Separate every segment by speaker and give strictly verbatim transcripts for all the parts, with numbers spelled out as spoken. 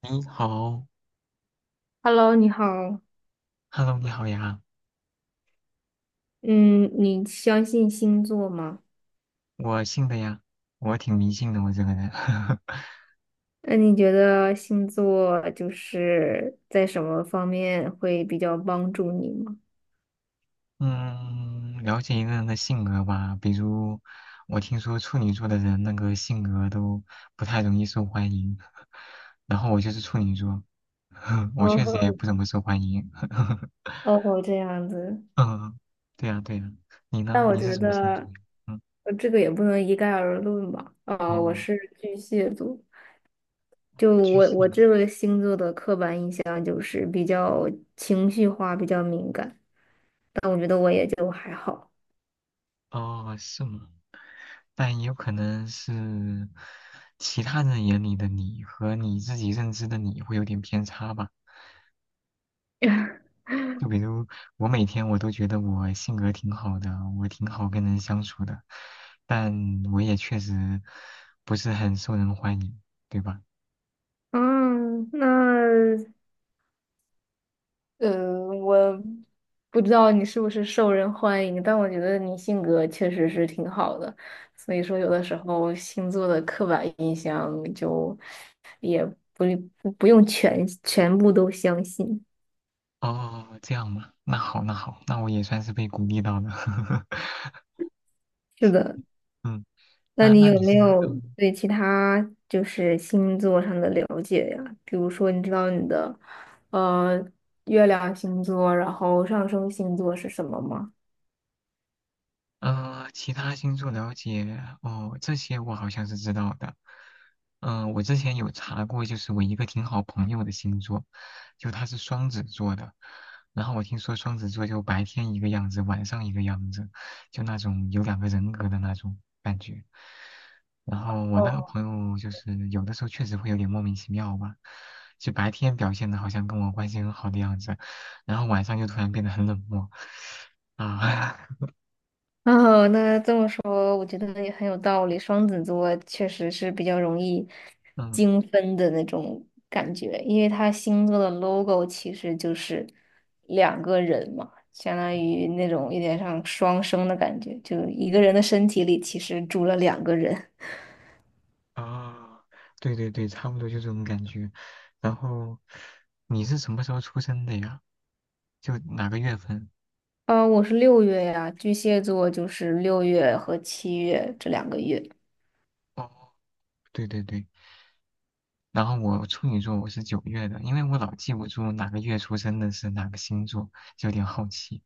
Speaker 1: 你好
Speaker 2: Hello，你好。
Speaker 1: ，Hello，你好呀，
Speaker 2: 嗯，你相信星座吗？
Speaker 1: 我姓的呀，我挺迷信的，我这个人，
Speaker 2: 那你觉得星座就是在什么方面会比较帮助你吗？
Speaker 1: 嗯，了解一个人的性格吧，比如我听说处女座的人那个性格都不太容易受欢迎，然后我就是处女座，我确实也
Speaker 2: 哦
Speaker 1: 不怎么受欢迎，
Speaker 2: 哦，这样子。
Speaker 1: 嗯，对呀对呀，你
Speaker 2: 但
Speaker 1: 呢？
Speaker 2: 我
Speaker 1: 你是
Speaker 2: 觉
Speaker 1: 什嗯么星座
Speaker 2: 得，
Speaker 1: 呀？嗯，
Speaker 2: 呃，这个也不能一概而论吧。啊，我
Speaker 1: 哦，
Speaker 2: 是巨蟹座，就
Speaker 1: 我巨
Speaker 2: 我
Speaker 1: 蟹
Speaker 2: 我
Speaker 1: 的，
Speaker 2: 这个星座的刻板印象就是比较情绪化，比较敏感。但我觉得我也就还好。
Speaker 1: 哦，是吗？但也有可能是其他人眼里的你和你自己认知的你会有点偏差吧。就比如我每天我都觉得我性格挺好的，我挺好跟人相处的，但我也确实不是很受人欢迎，对吧？
Speaker 2: 嗯，那呃，我不知道你是不是受人欢迎，但我觉得你性格确实是挺好的，所以说有的时候星座的刻板印象就不不不用全全部都相信。
Speaker 1: 哦，这样嘛，那好，那好，那我也算是被鼓励到了。
Speaker 2: 是的，
Speaker 1: 嗯，
Speaker 2: 那
Speaker 1: 那
Speaker 2: 你
Speaker 1: 那
Speaker 2: 有
Speaker 1: 你
Speaker 2: 没
Speaker 1: 是
Speaker 2: 有
Speaker 1: 嗯
Speaker 2: 对其他就是星座上的了解呀？比如说，你知道你的呃月亮星座，然后上升星座是什么吗？
Speaker 1: 呃，其他星座了解哦，这些我好像是知道的。嗯、我之前有查过，就是我一个挺好朋友的星座，就他是双子座的。然后我听说双子座就白天一个样子，晚上一个样子，就那种有两个人格的那种感觉。然后我那个
Speaker 2: 哦。
Speaker 1: 朋友就是有的时候确实会有点莫名其妙吧，就白天表现的好像跟我关系很好的样子，然后晚上就突然变得很冷漠啊，
Speaker 2: 哦，那这么说，我觉得也很有道理。双子座确实是比较容易
Speaker 1: 嗯。
Speaker 2: 精分的那种感觉，因为它星座的 logo 其实就是两个人嘛，相当于那种有点像双生的感觉，就一个人的身体里其实住了两个人。
Speaker 1: 啊，对对对，差不多就这种感觉。然后你是什么时候出生的呀？就哪个月份？
Speaker 2: 呃，我是六月呀，巨蟹座就是六月和七月这两个月。
Speaker 1: 哦，对对对。然后我处女座，我是九月的，因为我老记不住哪个月出生的是哪个星座，就有点好奇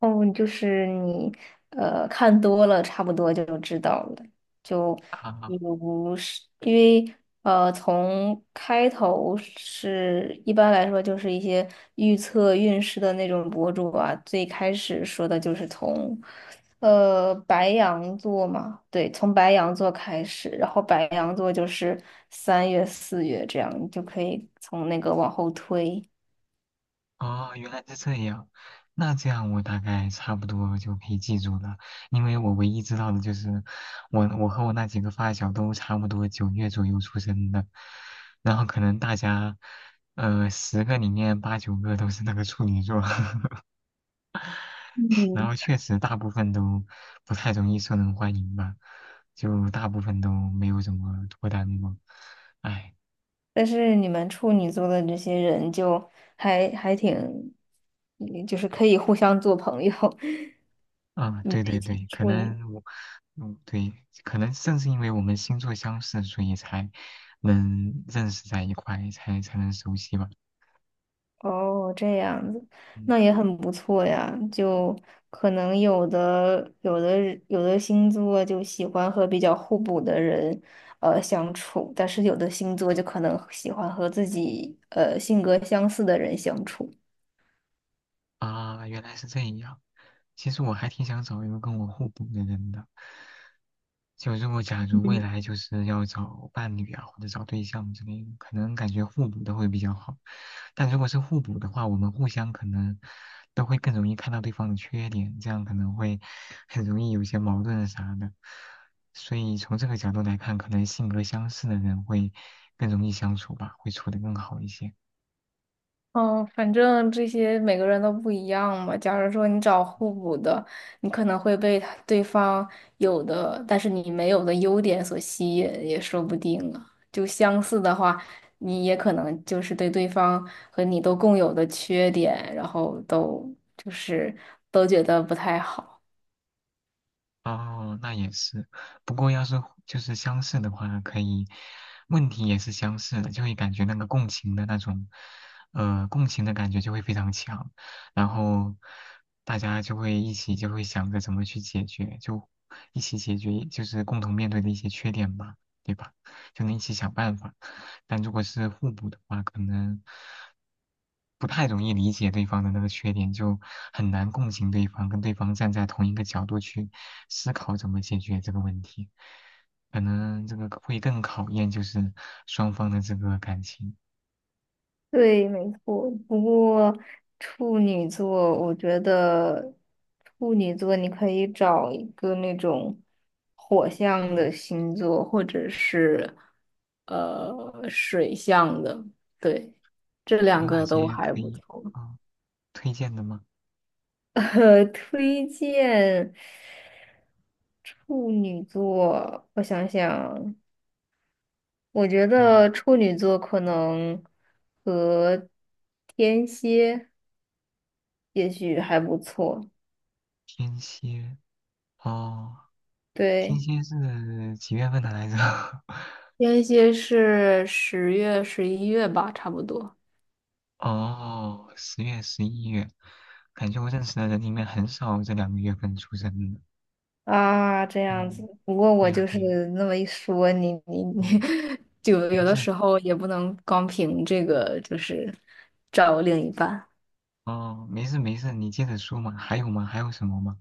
Speaker 2: 哦，就是你呃看多了，差不多就知道了。就
Speaker 1: 哈
Speaker 2: 比
Speaker 1: 哈。
Speaker 2: 如是因为呃，从开头是一般来说就是一些预测运势的那种博主啊，最开始说的就是从呃白羊座嘛，对，从白羊座开始，然后白羊座就是三月、四月这样，你就可以从那个往后推。
Speaker 1: 哦，原来是这样。那这样我大概差不多就可以记住了，因为我唯一知道的就是我我和我那几个发小都差不多九月左右出生的，然后可能大家呃十个里面八九个都是那个处女座，然
Speaker 2: 嗯。
Speaker 1: 后确实大部分都不太容易受人欢迎吧，就大部分都没有怎么脱单过。唉，
Speaker 2: 但是你们处女座的这些人就还还挺，嗯就是可以互相做朋友。
Speaker 1: 啊，
Speaker 2: 你们
Speaker 1: 对
Speaker 2: 一
Speaker 1: 对
Speaker 2: 起
Speaker 1: 对，可
Speaker 2: 处女，
Speaker 1: 能我。嗯，对，可能正是因为我们星座相似，所以才能认识在一块，才才能熟悉吧。
Speaker 2: 哦，这样子，
Speaker 1: 嗯。
Speaker 2: 那也很不错呀。就可能有的有的人有的星座就喜欢和比较互补的人呃相处，但是有的星座就可能喜欢和自己呃性格相似的人相处。
Speaker 1: 啊，原来是这样。其实我还挺想找一个跟我互补的人的。就如果假如未
Speaker 2: 嗯
Speaker 1: 来就是要找伴侣啊，或者找对象之类的，可能感觉互补的会比较好。但如果是互补的话，我们互相可能都会更容易看到对方的缺点，这样可能会很容易有一些矛盾啥的。所以从这个角度来看，可能性格相似的人会更容易相处吧，会处的更好一些。
Speaker 2: 哦，反正这些每个人都不一样嘛。假如说你找互补的，你可能会被他对方有的，但是你没有的优点所吸引，也说不定啊。就相似的话，你也可能就是对对方和你都共有的缺点，然后都就是都觉得不太好。
Speaker 1: 哦，那也是。不过要是就是相似的话，可以，问题也是相似的，就会感觉那个共情的那种，呃，共情的感觉就会非常强，然后大家就会一起就会想着怎么去解决，就一起解决，就是共同面对的一些缺点吧，对吧？就能一起想办法。但如果是互补的话，可能不太容易理解对方的那个缺点，就很难共情对方，跟对方站在同一个角度去思考怎么解决这个问题，可能这个会更考验就是双方的这个感情。
Speaker 2: 对，没错。不过处女座，我觉得处女座你可以找一个那种火象的星座，或者是呃水象的，对，这两
Speaker 1: 有哪
Speaker 2: 个都
Speaker 1: 些
Speaker 2: 还
Speaker 1: 可
Speaker 2: 不
Speaker 1: 以
Speaker 2: 错。
Speaker 1: 啊、推荐的吗？
Speaker 2: 呃，推荐处女座，我想想，我觉
Speaker 1: 嗯，
Speaker 2: 得处女座可能和天蝎也许还不错。
Speaker 1: 天蝎哦，天
Speaker 2: 对
Speaker 1: 蝎是几月份的来着？
Speaker 2: 天蝎是十月、十一月吧，差不多。
Speaker 1: 哦，十月、十一月，感觉我认识的人里面很少这两个月份出生的。
Speaker 2: 啊，这
Speaker 1: 哦，
Speaker 2: 样子。不过
Speaker 1: 对
Speaker 2: 我
Speaker 1: 呀、
Speaker 2: 就是
Speaker 1: 对呀、
Speaker 2: 那么一说，你你你，
Speaker 1: 哦，
Speaker 2: 就有
Speaker 1: 没
Speaker 2: 的
Speaker 1: 事，
Speaker 2: 时候也不能光凭这个，就是找另一半。
Speaker 1: 哦，没事没事，你接着说嘛。还有吗？还有什么吗？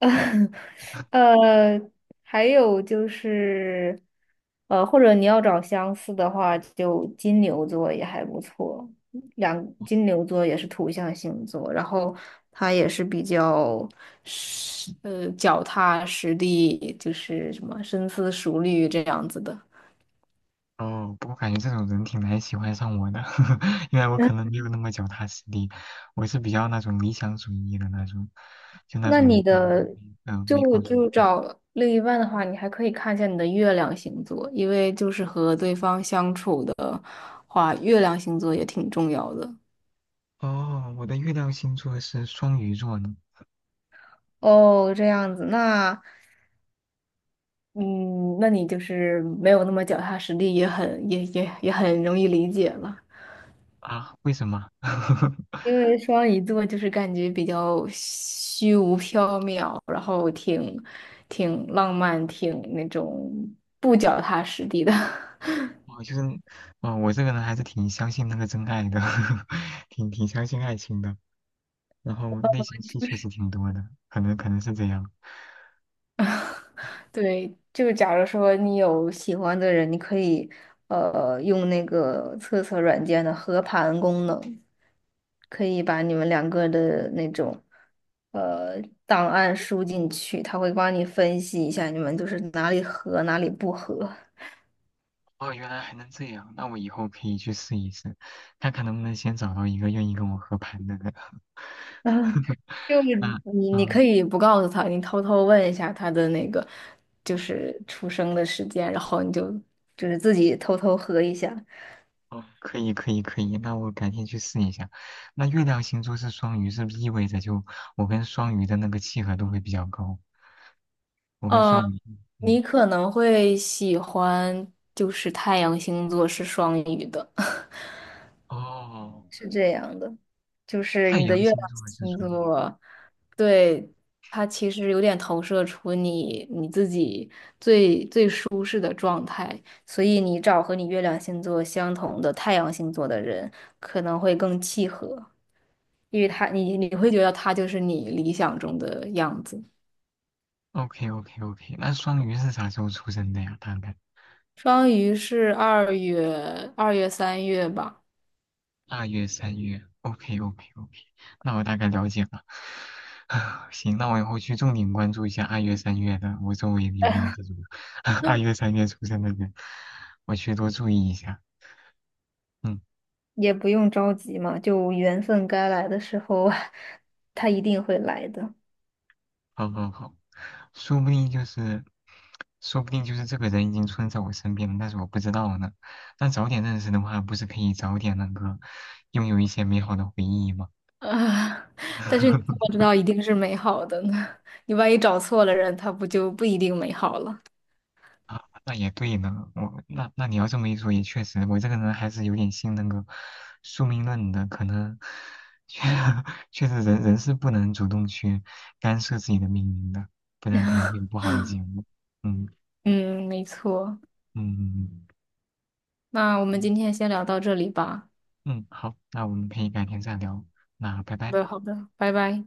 Speaker 2: 呃，还有就是，呃，或者你要找相似的话，就金牛座也还不错。两金牛座也是土象星座，然后它也是比较实，呃，脚踏实地，就是什么深思熟虑这样子的。
Speaker 1: 哦，不过感觉这种人挺难喜欢上我的，因为我可
Speaker 2: 那
Speaker 1: 能没有那么脚踏实地，我是比较那种理想主义的那种，就那
Speaker 2: 那你
Speaker 1: 种嗯
Speaker 2: 的
Speaker 1: 嗯、呃、美
Speaker 2: 就
Speaker 1: 好主义。
Speaker 2: 就找另一半的话，你还可以看一下你的月亮星座，因为就是和对方相处的。话，月亮星座也挺重要的。
Speaker 1: 哦，我的月亮星座是双鱼座呢。
Speaker 2: 哦，这样子，那嗯，那你就是没有那么脚踏实地，也很也也也很容易理解了。
Speaker 1: 啊，为什么？
Speaker 2: 因为双鱼座就是感觉比较虚无缥缈，然后挺挺浪漫，挺那种不脚踏实地的。
Speaker 1: 我就是，哦，我这个人还是挺相信那个真爱的，挺挺相信爱情的。然后内心戏确实挺多的，可能可能是这样。
Speaker 2: 对，就假如说你有喜欢的人，你可以呃用那个测测软件的合盘功能，可以把你们两个的那种呃档案输进去，他会帮你分析一下你们就是哪里合哪里不合。
Speaker 1: 哦，原来还能这样，那我以后可以去试一试，看看能不能先找到一个愿意跟我合盘的人。
Speaker 2: 啊，就是
Speaker 1: 那，
Speaker 2: 你你可
Speaker 1: 嗯，
Speaker 2: 以不告诉他，你偷偷问一下他的那个就是出生的时间，然后你就就是自己偷偷合一下。
Speaker 1: 哦，可以可以可以，那我改天去试一下。那月亮星座是双鱼，是不是意味着就我跟双鱼的那个契合度会比较高？我跟
Speaker 2: 呃，
Speaker 1: 双鱼，嗯，嗯
Speaker 2: 你可能会喜欢，就是太阳星座是双鱼的，
Speaker 1: 哦。
Speaker 2: 是这样的，就是
Speaker 1: 太
Speaker 2: 你的
Speaker 1: 阳
Speaker 2: 月亮
Speaker 1: 星座是
Speaker 2: 星
Speaker 1: 双鱼。
Speaker 2: 座，对，它其实有点投射出你你自己最最舒适的状态，所以你找和你月亮星座相同的太阳星座的人可能会更契合，因为他你你会觉得他就是你理想中的样子。
Speaker 1: OK OK OK,那双鱼是啥时候出生的呀？大概
Speaker 2: 双鱼是二月二月三月吧。
Speaker 1: 二月、三月。OK OK OK,那我大概了解了。行，那我以后去重点关注一下二月、三月的，我周围有没有这种 二月、三月出生的人，我去多注意一下。嗯，
Speaker 2: 也不用着急嘛，就缘分该来的时候，他一定会来的。
Speaker 1: 好好好，说不定就是，说不定就是这个人已经出生在我身边了，但是我不知道呢。那早点认识的话，不是可以早点那个拥有一些美好的回忆吗？
Speaker 2: 啊，但是你怎么 知道一定是美好的呢？你万一找错了人，他不就不一定美好了？
Speaker 1: 啊，那也对呢，我那那你要这么一说，也确实，我这个人还是有点信那个宿命论的，可能确 确实人人是不能主动去干涉自己的命运的，不然可能会 有不好的结果。嗯
Speaker 2: 嗯，没错。
Speaker 1: 嗯嗯
Speaker 2: 那我们
Speaker 1: 嗯，
Speaker 2: 今天先聊到这里吧。
Speaker 1: 嗯好，那我们可以改天再聊，那拜
Speaker 2: 好
Speaker 1: 拜。
Speaker 2: 的，好的，拜拜。